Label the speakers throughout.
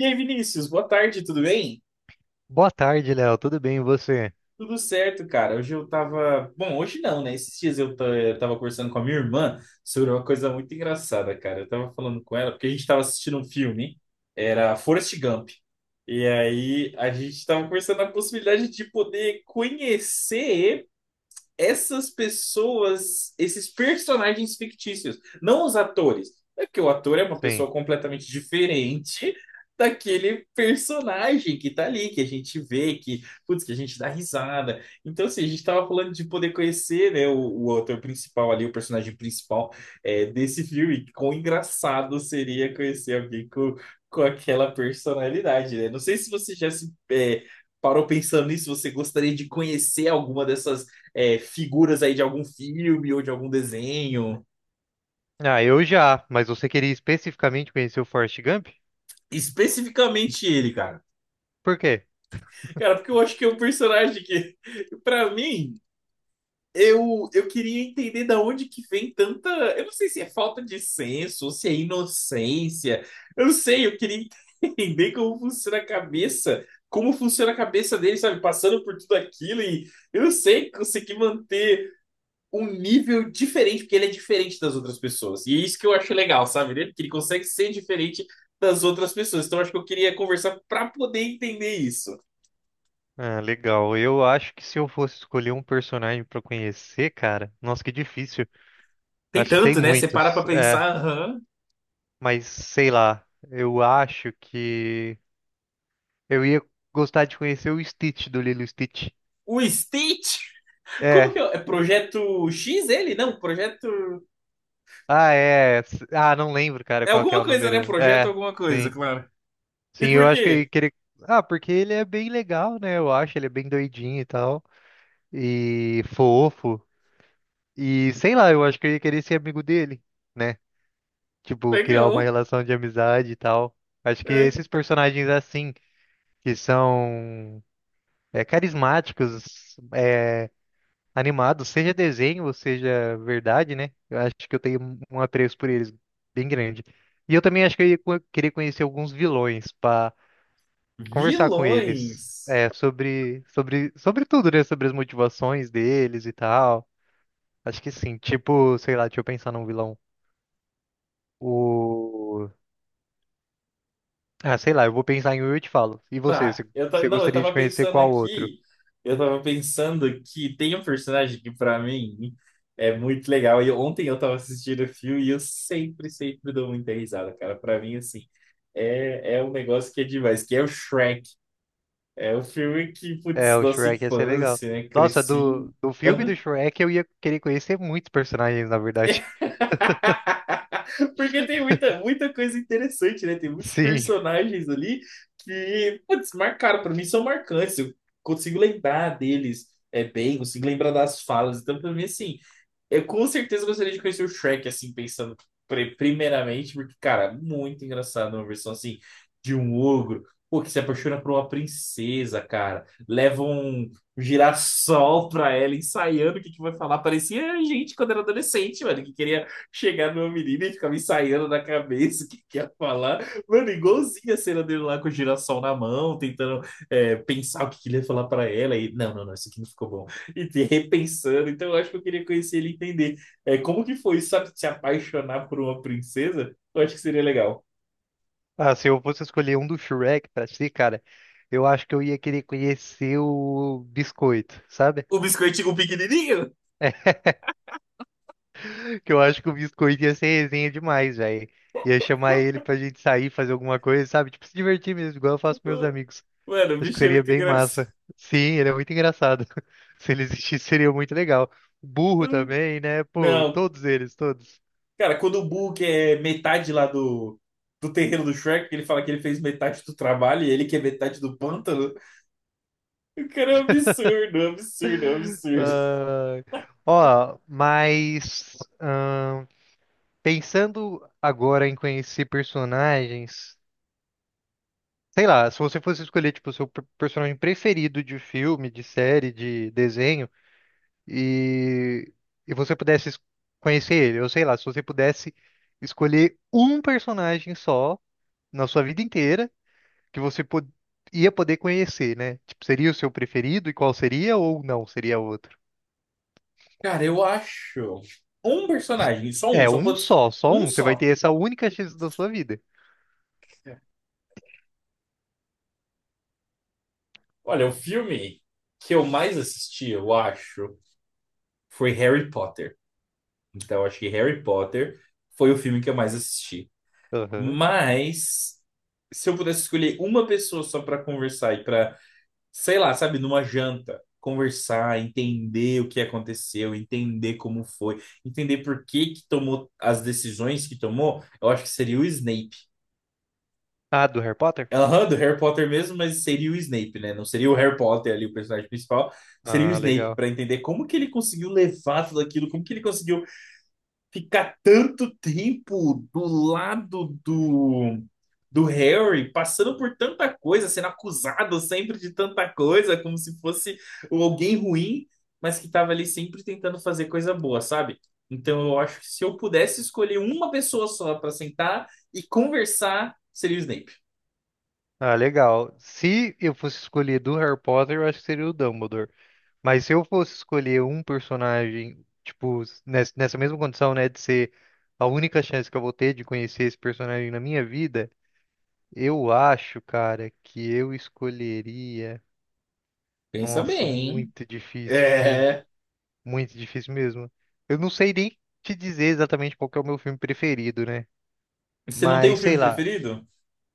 Speaker 1: E aí, Vinícius, boa tarde, tudo bem?
Speaker 2: Boa tarde, Léo. Tudo bem, e você?
Speaker 1: Tudo certo, cara. Hoje eu tava. Bom, hoje não, né? Esses dias eu tava conversando com a minha irmã sobre uma coisa muito engraçada, cara. Eu tava falando com ela, porque a gente tava assistindo um filme, era Forrest Gump. E aí a gente tava conversando a possibilidade de poder conhecer essas pessoas, esses personagens fictícios, não os atores. É que o ator é uma
Speaker 2: Sim.
Speaker 1: pessoa completamente diferente daquele personagem que tá ali, que a gente vê, que, putz, que a gente dá risada. Então, assim, a gente tava falando de poder conhecer, né, o ator principal ali, o personagem principal desse filme. Quão engraçado seria conhecer alguém com aquela personalidade, né? Não sei se você já se é, parou pensando nisso, você gostaria de conhecer alguma dessas figuras aí de algum filme ou de algum desenho.
Speaker 2: Ah, eu já, mas você queria especificamente conhecer o Forrest Gump?
Speaker 1: Especificamente ele, cara.
Speaker 2: Por quê?
Speaker 1: Cara, porque eu acho que é um personagem que, pra mim, eu queria entender da onde que vem tanta. Eu não sei se é falta de senso, ou se é inocência. Eu não sei, eu queria entender como funciona a cabeça. Como funciona a cabeça dele, sabe? Passando por tudo aquilo e eu não sei, conseguir manter um nível diferente, porque ele é diferente das outras pessoas. E é isso que eu acho legal, sabe? Ele, que ele consegue ser diferente das outras pessoas. Então, acho que eu queria conversar para poder entender isso.
Speaker 2: Ah, legal. Eu acho que se eu fosse escolher um personagem pra conhecer, cara, nossa, que difícil.
Speaker 1: Tem
Speaker 2: Acho que tem
Speaker 1: tanto, né? Você para pra
Speaker 2: muitos. É,
Speaker 1: pensar, aham.
Speaker 2: mas sei lá. Eu acho que eu ia gostar de conhecer o Stitch do Lilo e Stitch.
Speaker 1: O Stitch? Como
Speaker 2: É.
Speaker 1: que é? É Projeto X ele? Não, Projeto.
Speaker 2: Ah, é. Ah, não lembro, cara,
Speaker 1: É
Speaker 2: qual que é
Speaker 1: alguma
Speaker 2: o
Speaker 1: coisa, né?
Speaker 2: número.
Speaker 1: Projeto
Speaker 2: É,
Speaker 1: alguma coisa,
Speaker 2: sim.
Speaker 1: claro.
Speaker 2: Sim,
Speaker 1: E
Speaker 2: eu
Speaker 1: por
Speaker 2: acho que
Speaker 1: quê?
Speaker 2: que ele. Ah, porque ele é bem legal, né? Eu acho, ele é bem doidinho e tal. E fofo. E sei lá, eu acho que eu ia querer ser amigo dele, né? Tipo, criar uma
Speaker 1: Legal.
Speaker 2: relação de amizade e tal. Acho que
Speaker 1: É.
Speaker 2: esses personagens assim, que são carismáticos, animados, seja desenho ou seja verdade, né? Eu acho que eu tenho um apreço por eles bem grande. E eu também acho que eu ia querer conhecer alguns vilões, pá. Conversar com eles
Speaker 1: Vilões.
Speaker 2: é, sobre tudo, né? Sobre as motivações deles e tal. Acho que sim. Tipo, sei lá, deixa eu pensar num vilão. O. Ah, sei lá, eu vou pensar em um e eu te falo. E você?
Speaker 1: Tá,
Speaker 2: Você
Speaker 1: eu tava
Speaker 2: você
Speaker 1: não, eu
Speaker 2: gostaria de
Speaker 1: tava
Speaker 2: conhecer
Speaker 1: pensando
Speaker 2: qual outro?
Speaker 1: aqui, eu tava pensando que tem um personagem que pra mim é muito legal. E ontem eu tava assistindo o filme e eu sempre, sempre dou muita risada, cara. Pra mim, assim, é um negócio que é demais, que é o Shrek. É o filme que,
Speaker 2: É,
Speaker 1: putz,
Speaker 2: o
Speaker 1: nossa
Speaker 2: Shrek ia ser legal.
Speaker 1: infância, né?
Speaker 2: Nossa,
Speaker 1: Cresci.
Speaker 2: do filme do Shrek eu ia querer conhecer muitos personagens, na verdade.
Speaker 1: Porque tem muita, muita coisa interessante, né? Tem muitos
Speaker 2: Sim.
Speaker 1: personagens ali que, putz, marcaram. Pra mim são marcantes. Eu consigo lembrar deles, bem, consigo lembrar das falas. Então, pra mim, assim, eu com certeza gostaria de conhecer o Shrek, assim, pensando primeiramente, porque, cara, é muito engraçado uma versão assim de um ogro, pô, que se apaixona por uma princesa, cara. Leva um girassol pra ela, ensaiando o que que vai falar. Parecia a gente quando era adolescente, mano, que queria chegar numa menina e ficava ensaiando na cabeça o que que ia falar. Mano, igualzinho a cena dele lá com o girassol na mão, tentando pensar o que que ele ia falar pra ela. E, não, não, não, isso aqui não ficou bom e te repensando. Então, eu acho que eu queria conhecer ele e entender como que foi, sabe, se apaixonar por uma princesa. Eu acho que seria legal.
Speaker 2: Ah, se eu fosse escolher um do Shrek pra si, cara, eu acho que eu ia querer conhecer o Biscoito, sabe?
Speaker 1: O biscoitinho o pequenininho?
Speaker 2: Que eu acho que o Biscoito ia ser resenha demais, velho. Ia chamar ele pra gente sair, fazer alguma coisa, sabe? Tipo, se divertir mesmo, igual eu faço com meus amigos.
Speaker 1: Mano, o
Speaker 2: Acho que
Speaker 1: bicho é
Speaker 2: seria
Speaker 1: muito
Speaker 2: bem
Speaker 1: engraçado.
Speaker 2: massa. Sim, ele é muito engraçado. Se ele existisse, seria muito legal. O Burro também, né? Pô,
Speaker 1: Não,
Speaker 2: todos eles, todos.
Speaker 1: cara, quando o Boo é metade lá do terreno do Shrek, ele fala que ele fez metade do trabalho e ele que é metade do pântano. O cara é um absurdo, é um absurdo, é um absurdo.
Speaker 2: Ah, ó, mas pensando agora em conhecer personagens, sei lá, se você fosse escolher, tipo, o seu personagem preferido de filme, de série, de desenho. E, e você pudesse conhecer ele, ou sei lá, se você pudesse escolher um personagem só na sua vida inteira que você ia poder conhecer, né? Tipo, seria o seu preferido e qual seria ou não seria outro?
Speaker 1: Cara, eu acho um personagem, só um,
Speaker 2: É,
Speaker 1: só
Speaker 2: um
Speaker 1: pode,
Speaker 2: só, só
Speaker 1: um
Speaker 2: um. Você vai
Speaker 1: só.
Speaker 2: ter essa única chance da sua vida.
Speaker 1: Olha, o filme que eu mais assisti, eu acho, foi Harry Potter. Então, eu acho que Harry Potter foi o filme que eu mais assisti.
Speaker 2: Aham.
Speaker 1: Mas, se eu pudesse escolher uma pessoa só para conversar e para, sei lá, sabe, numa janta, conversar, entender o que aconteceu, entender como foi, entender por que que tomou as decisões que tomou, eu acho que seria o Snape.
Speaker 2: Ah, do Harry Potter?
Speaker 1: Aham, do Harry Potter mesmo, mas seria o Snape, né? Não seria o Harry Potter ali, o personagem principal, seria o
Speaker 2: Ah,
Speaker 1: Snape,
Speaker 2: legal.
Speaker 1: para entender como que ele conseguiu levar tudo aquilo, como que ele conseguiu ficar tanto tempo do lado do Harry, passando por tanta coisa, sendo acusado sempre de tanta coisa, como se fosse alguém ruim, mas que estava ali sempre tentando fazer coisa boa, sabe? Então eu acho que se eu pudesse escolher uma pessoa só para sentar e conversar, seria o Snape.
Speaker 2: Ah, legal. Se eu fosse escolher do Harry Potter, eu acho que seria o Dumbledore. Mas se eu fosse escolher um personagem, tipo, nessa mesma condição, né, de ser a única chance que eu vou ter de conhecer esse personagem na minha vida, eu acho, cara, que eu escolheria.
Speaker 1: Pensa bem,
Speaker 2: Nossa,
Speaker 1: hein?
Speaker 2: muito difícil, sim.
Speaker 1: É.
Speaker 2: Muito difícil mesmo. Eu não sei nem te dizer exatamente qual que é o meu filme preferido, né?
Speaker 1: Você não tem um
Speaker 2: Mas
Speaker 1: filme
Speaker 2: sei lá.
Speaker 1: preferido?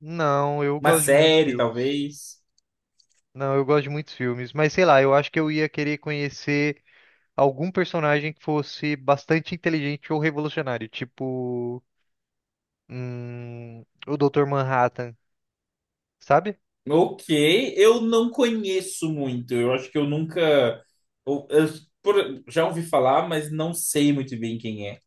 Speaker 2: Não, eu
Speaker 1: Uma
Speaker 2: gosto de muitos
Speaker 1: série,
Speaker 2: filmes.
Speaker 1: talvez?
Speaker 2: Não, eu gosto de muitos filmes, mas sei lá, eu acho que eu ia querer conhecer algum personagem que fosse bastante inteligente ou revolucionário, tipo, o Dr. Manhattan, sabe?
Speaker 1: Ok, eu não conheço muito. Eu acho que eu nunca. Eu, eu- já ouvi falar, mas não sei muito bem quem é.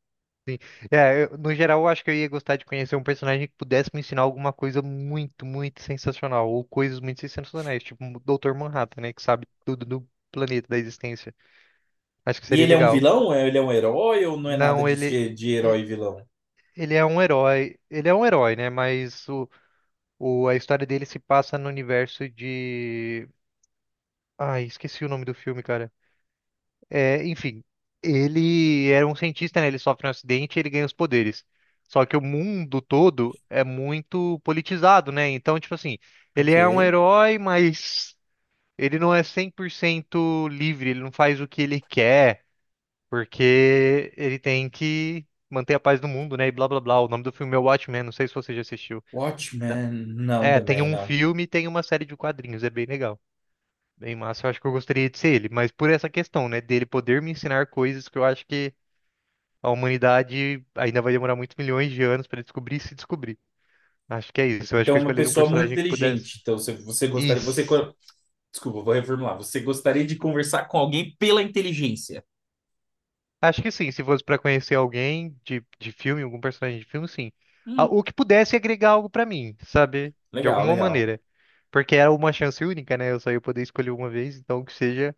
Speaker 2: Sim. É, no geral, eu acho que eu ia gostar de conhecer um personagem que pudesse me ensinar alguma coisa muito, muito sensacional, ou coisas muito sensacionais, tipo o Dr. Manhattan, né, que sabe tudo do planeta, da existência. Acho que
Speaker 1: E
Speaker 2: seria
Speaker 1: ele é um
Speaker 2: legal.
Speaker 1: vilão? Ele é um herói ou não é nada
Speaker 2: Não,
Speaker 1: disso
Speaker 2: ele
Speaker 1: de
Speaker 2: e-
Speaker 1: herói e vilão?
Speaker 2: ele é um herói, né? Mas a história dele se passa no universo de. Ai, esqueci o nome do filme, cara. É, enfim, ele era um cientista, né? Ele sofre um acidente e ele ganha os poderes. Só que o mundo todo é muito politizado, né? Então, tipo assim, ele
Speaker 1: Ok.
Speaker 2: é um herói, mas ele não é 100% livre, ele não faz o que ele quer, porque ele tem que manter a paz do mundo, né? E blá blá blá. O nome do filme é Watchmen, não sei se você já assistiu. Né?
Speaker 1: Watchmen? Não,
Speaker 2: É, tem
Speaker 1: também
Speaker 2: um
Speaker 1: não.
Speaker 2: filme e tem uma série de quadrinhos, é bem legal. Bem massa, eu acho que eu gostaria de ser ele, mas por essa questão, né, dele poder me ensinar coisas que eu acho que a humanidade ainda vai demorar muitos milhões de anos para descobrir e se descobrir. Acho que é isso. Eu acho
Speaker 1: Então,
Speaker 2: que
Speaker 1: é
Speaker 2: eu
Speaker 1: uma
Speaker 2: escolheria um
Speaker 1: pessoa muito
Speaker 2: personagem que pudesse.
Speaker 1: inteligente. Então, você gostaria.
Speaker 2: Isso.
Speaker 1: Desculpa, vou reformular. Você gostaria de conversar com alguém pela inteligência?
Speaker 2: Acho que sim, se fosse para conhecer alguém de filme, algum personagem de filme, sim. Ah,
Speaker 1: Hum,
Speaker 2: o que pudesse agregar algo para mim, sabe? De
Speaker 1: legal,
Speaker 2: alguma
Speaker 1: legal.
Speaker 2: maneira. Porque era uma chance única, né? Eu só ia poder escolher uma vez, então que seja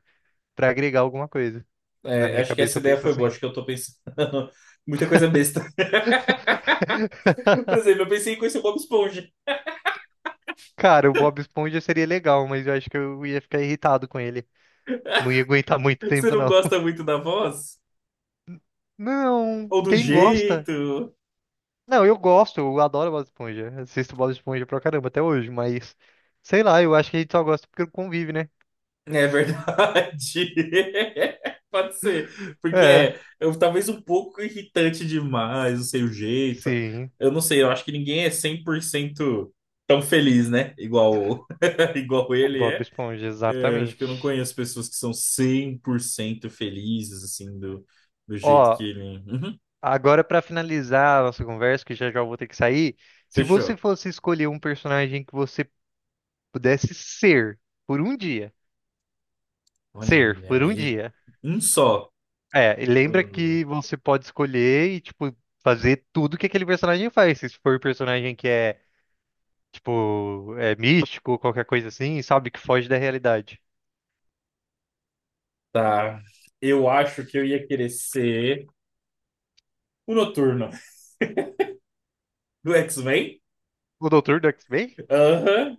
Speaker 2: para agregar alguma coisa. Na
Speaker 1: É,
Speaker 2: minha
Speaker 1: acho que essa
Speaker 2: cabeça eu
Speaker 1: ideia
Speaker 2: penso
Speaker 1: foi boa.
Speaker 2: assim.
Speaker 1: Acho que eu tô pensando muita coisa besta. Por exemplo, eu pensei em conhecer o Bob Esponja.
Speaker 2: Cara, o Bob Esponja seria legal, mas eu acho que eu ia ficar irritado com ele. Não ia aguentar muito
Speaker 1: Você
Speaker 2: tempo,
Speaker 1: não
Speaker 2: não.
Speaker 1: gosta muito da voz?
Speaker 2: Não,
Speaker 1: Ou do
Speaker 2: quem gosta?
Speaker 1: jeito?
Speaker 2: Não, eu gosto, eu adoro Bob Esponja. Assisto Bob Esponja pra caramba até hoje, mas sei lá, eu acho que a gente só gosta porque convive, né?
Speaker 1: É verdade. Pode ser. Porque
Speaker 2: É,
Speaker 1: talvez um pouco irritante demais, não sei o jeito.
Speaker 2: sim,
Speaker 1: Eu não sei, eu acho que ninguém é 100% tão feliz, né? Igual, igual
Speaker 2: o
Speaker 1: ele
Speaker 2: Bob
Speaker 1: é.
Speaker 2: Esponja,
Speaker 1: É, eu acho que eu não
Speaker 2: exatamente.
Speaker 1: conheço pessoas que são 100% felizes, assim, do jeito que
Speaker 2: Ó,
Speaker 1: ele.
Speaker 2: agora pra finalizar a nossa conversa, que já já eu vou ter que sair, se você
Speaker 1: Fechou.
Speaker 2: fosse escolher um personagem que você pudesse ser por um dia, ser
Speaker 1: Olha
Speaker 2: por um
Speaker 1: aí.
Speaker 2: dia.
Speaker 1: Um só.
Speaker 2: É, e lembra
Speaker 1: Hum,
Speaker 2: que você pode escolher e, tipo, fazer tudo que aquele personagem faz. Se for um personagem que é, tipo, é místico, qualquer coisa assim, sabe, que foge da realidade.
Speaker 1: tá. Eu acho que eu ia querer ser o Noturno do X-Men.
Speaker 2: O doutor do X-Men?
Speaker 1: Aham.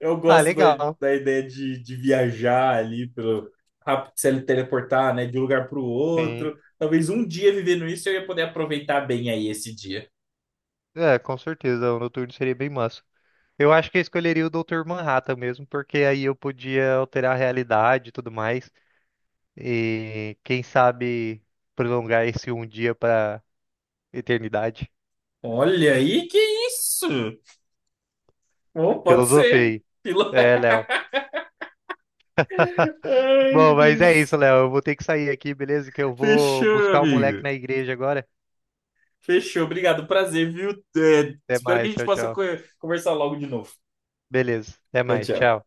Speaker 1: Eu
Speaker 2: Ah,
Speaker 1: gosto
Speaker 2: legal.
Speaker 1: da ideia de viajar ali pelo rápido se teleportar, né, de um lugar para o
Speaker 2: Sim.
Speaker 1: outro. Talvez um dia vivendo isso eu ia poder aproveitar bem aí esse dia.
Speaker 2: É, com certeza, o Noturno seria bem massa. Eu acho que eu escolheria o doutor Manhattan mesmo, porque aí eu podia alterar a realidade e tudo mais. E quem sabe prolongar esse um dia pra eternidade.
Speaker 1: Olha aí, que isso? Bom, pode ser.
Speaker 2: Filosofei.
Speaker 1: Pila-
Speaker 2: É, Léo.
Speaker 1: Ai, meu
Speaker 2: Bom, mas é isso,
Speaker 1: Deus.
Speaker 2: Léo. Eu vou ter que sair aqui, beleza? Que eu vou
Speaker 1: Fechou,
Speaker 2: buscar o moleque
Speaker 1: amigo.
Speaker 2: na igreja agora.
Speaker 1: Fechou, obrigado, prazer, viu? É,
Speaker 2: Até
Speaker 1: espero que a
Speaker 2: mais,
Speaker 1: gente
Speaker 2: tchau,
Speaker 1: possa
Speaker 2: tchau.
Speaker 1: conversar logo de novo.
Speaker 2: Beleza, até
Speaker 1: Tchau,
Speaker 2: mais,
Speaker 1: tchau.
Speaker 2: tchau.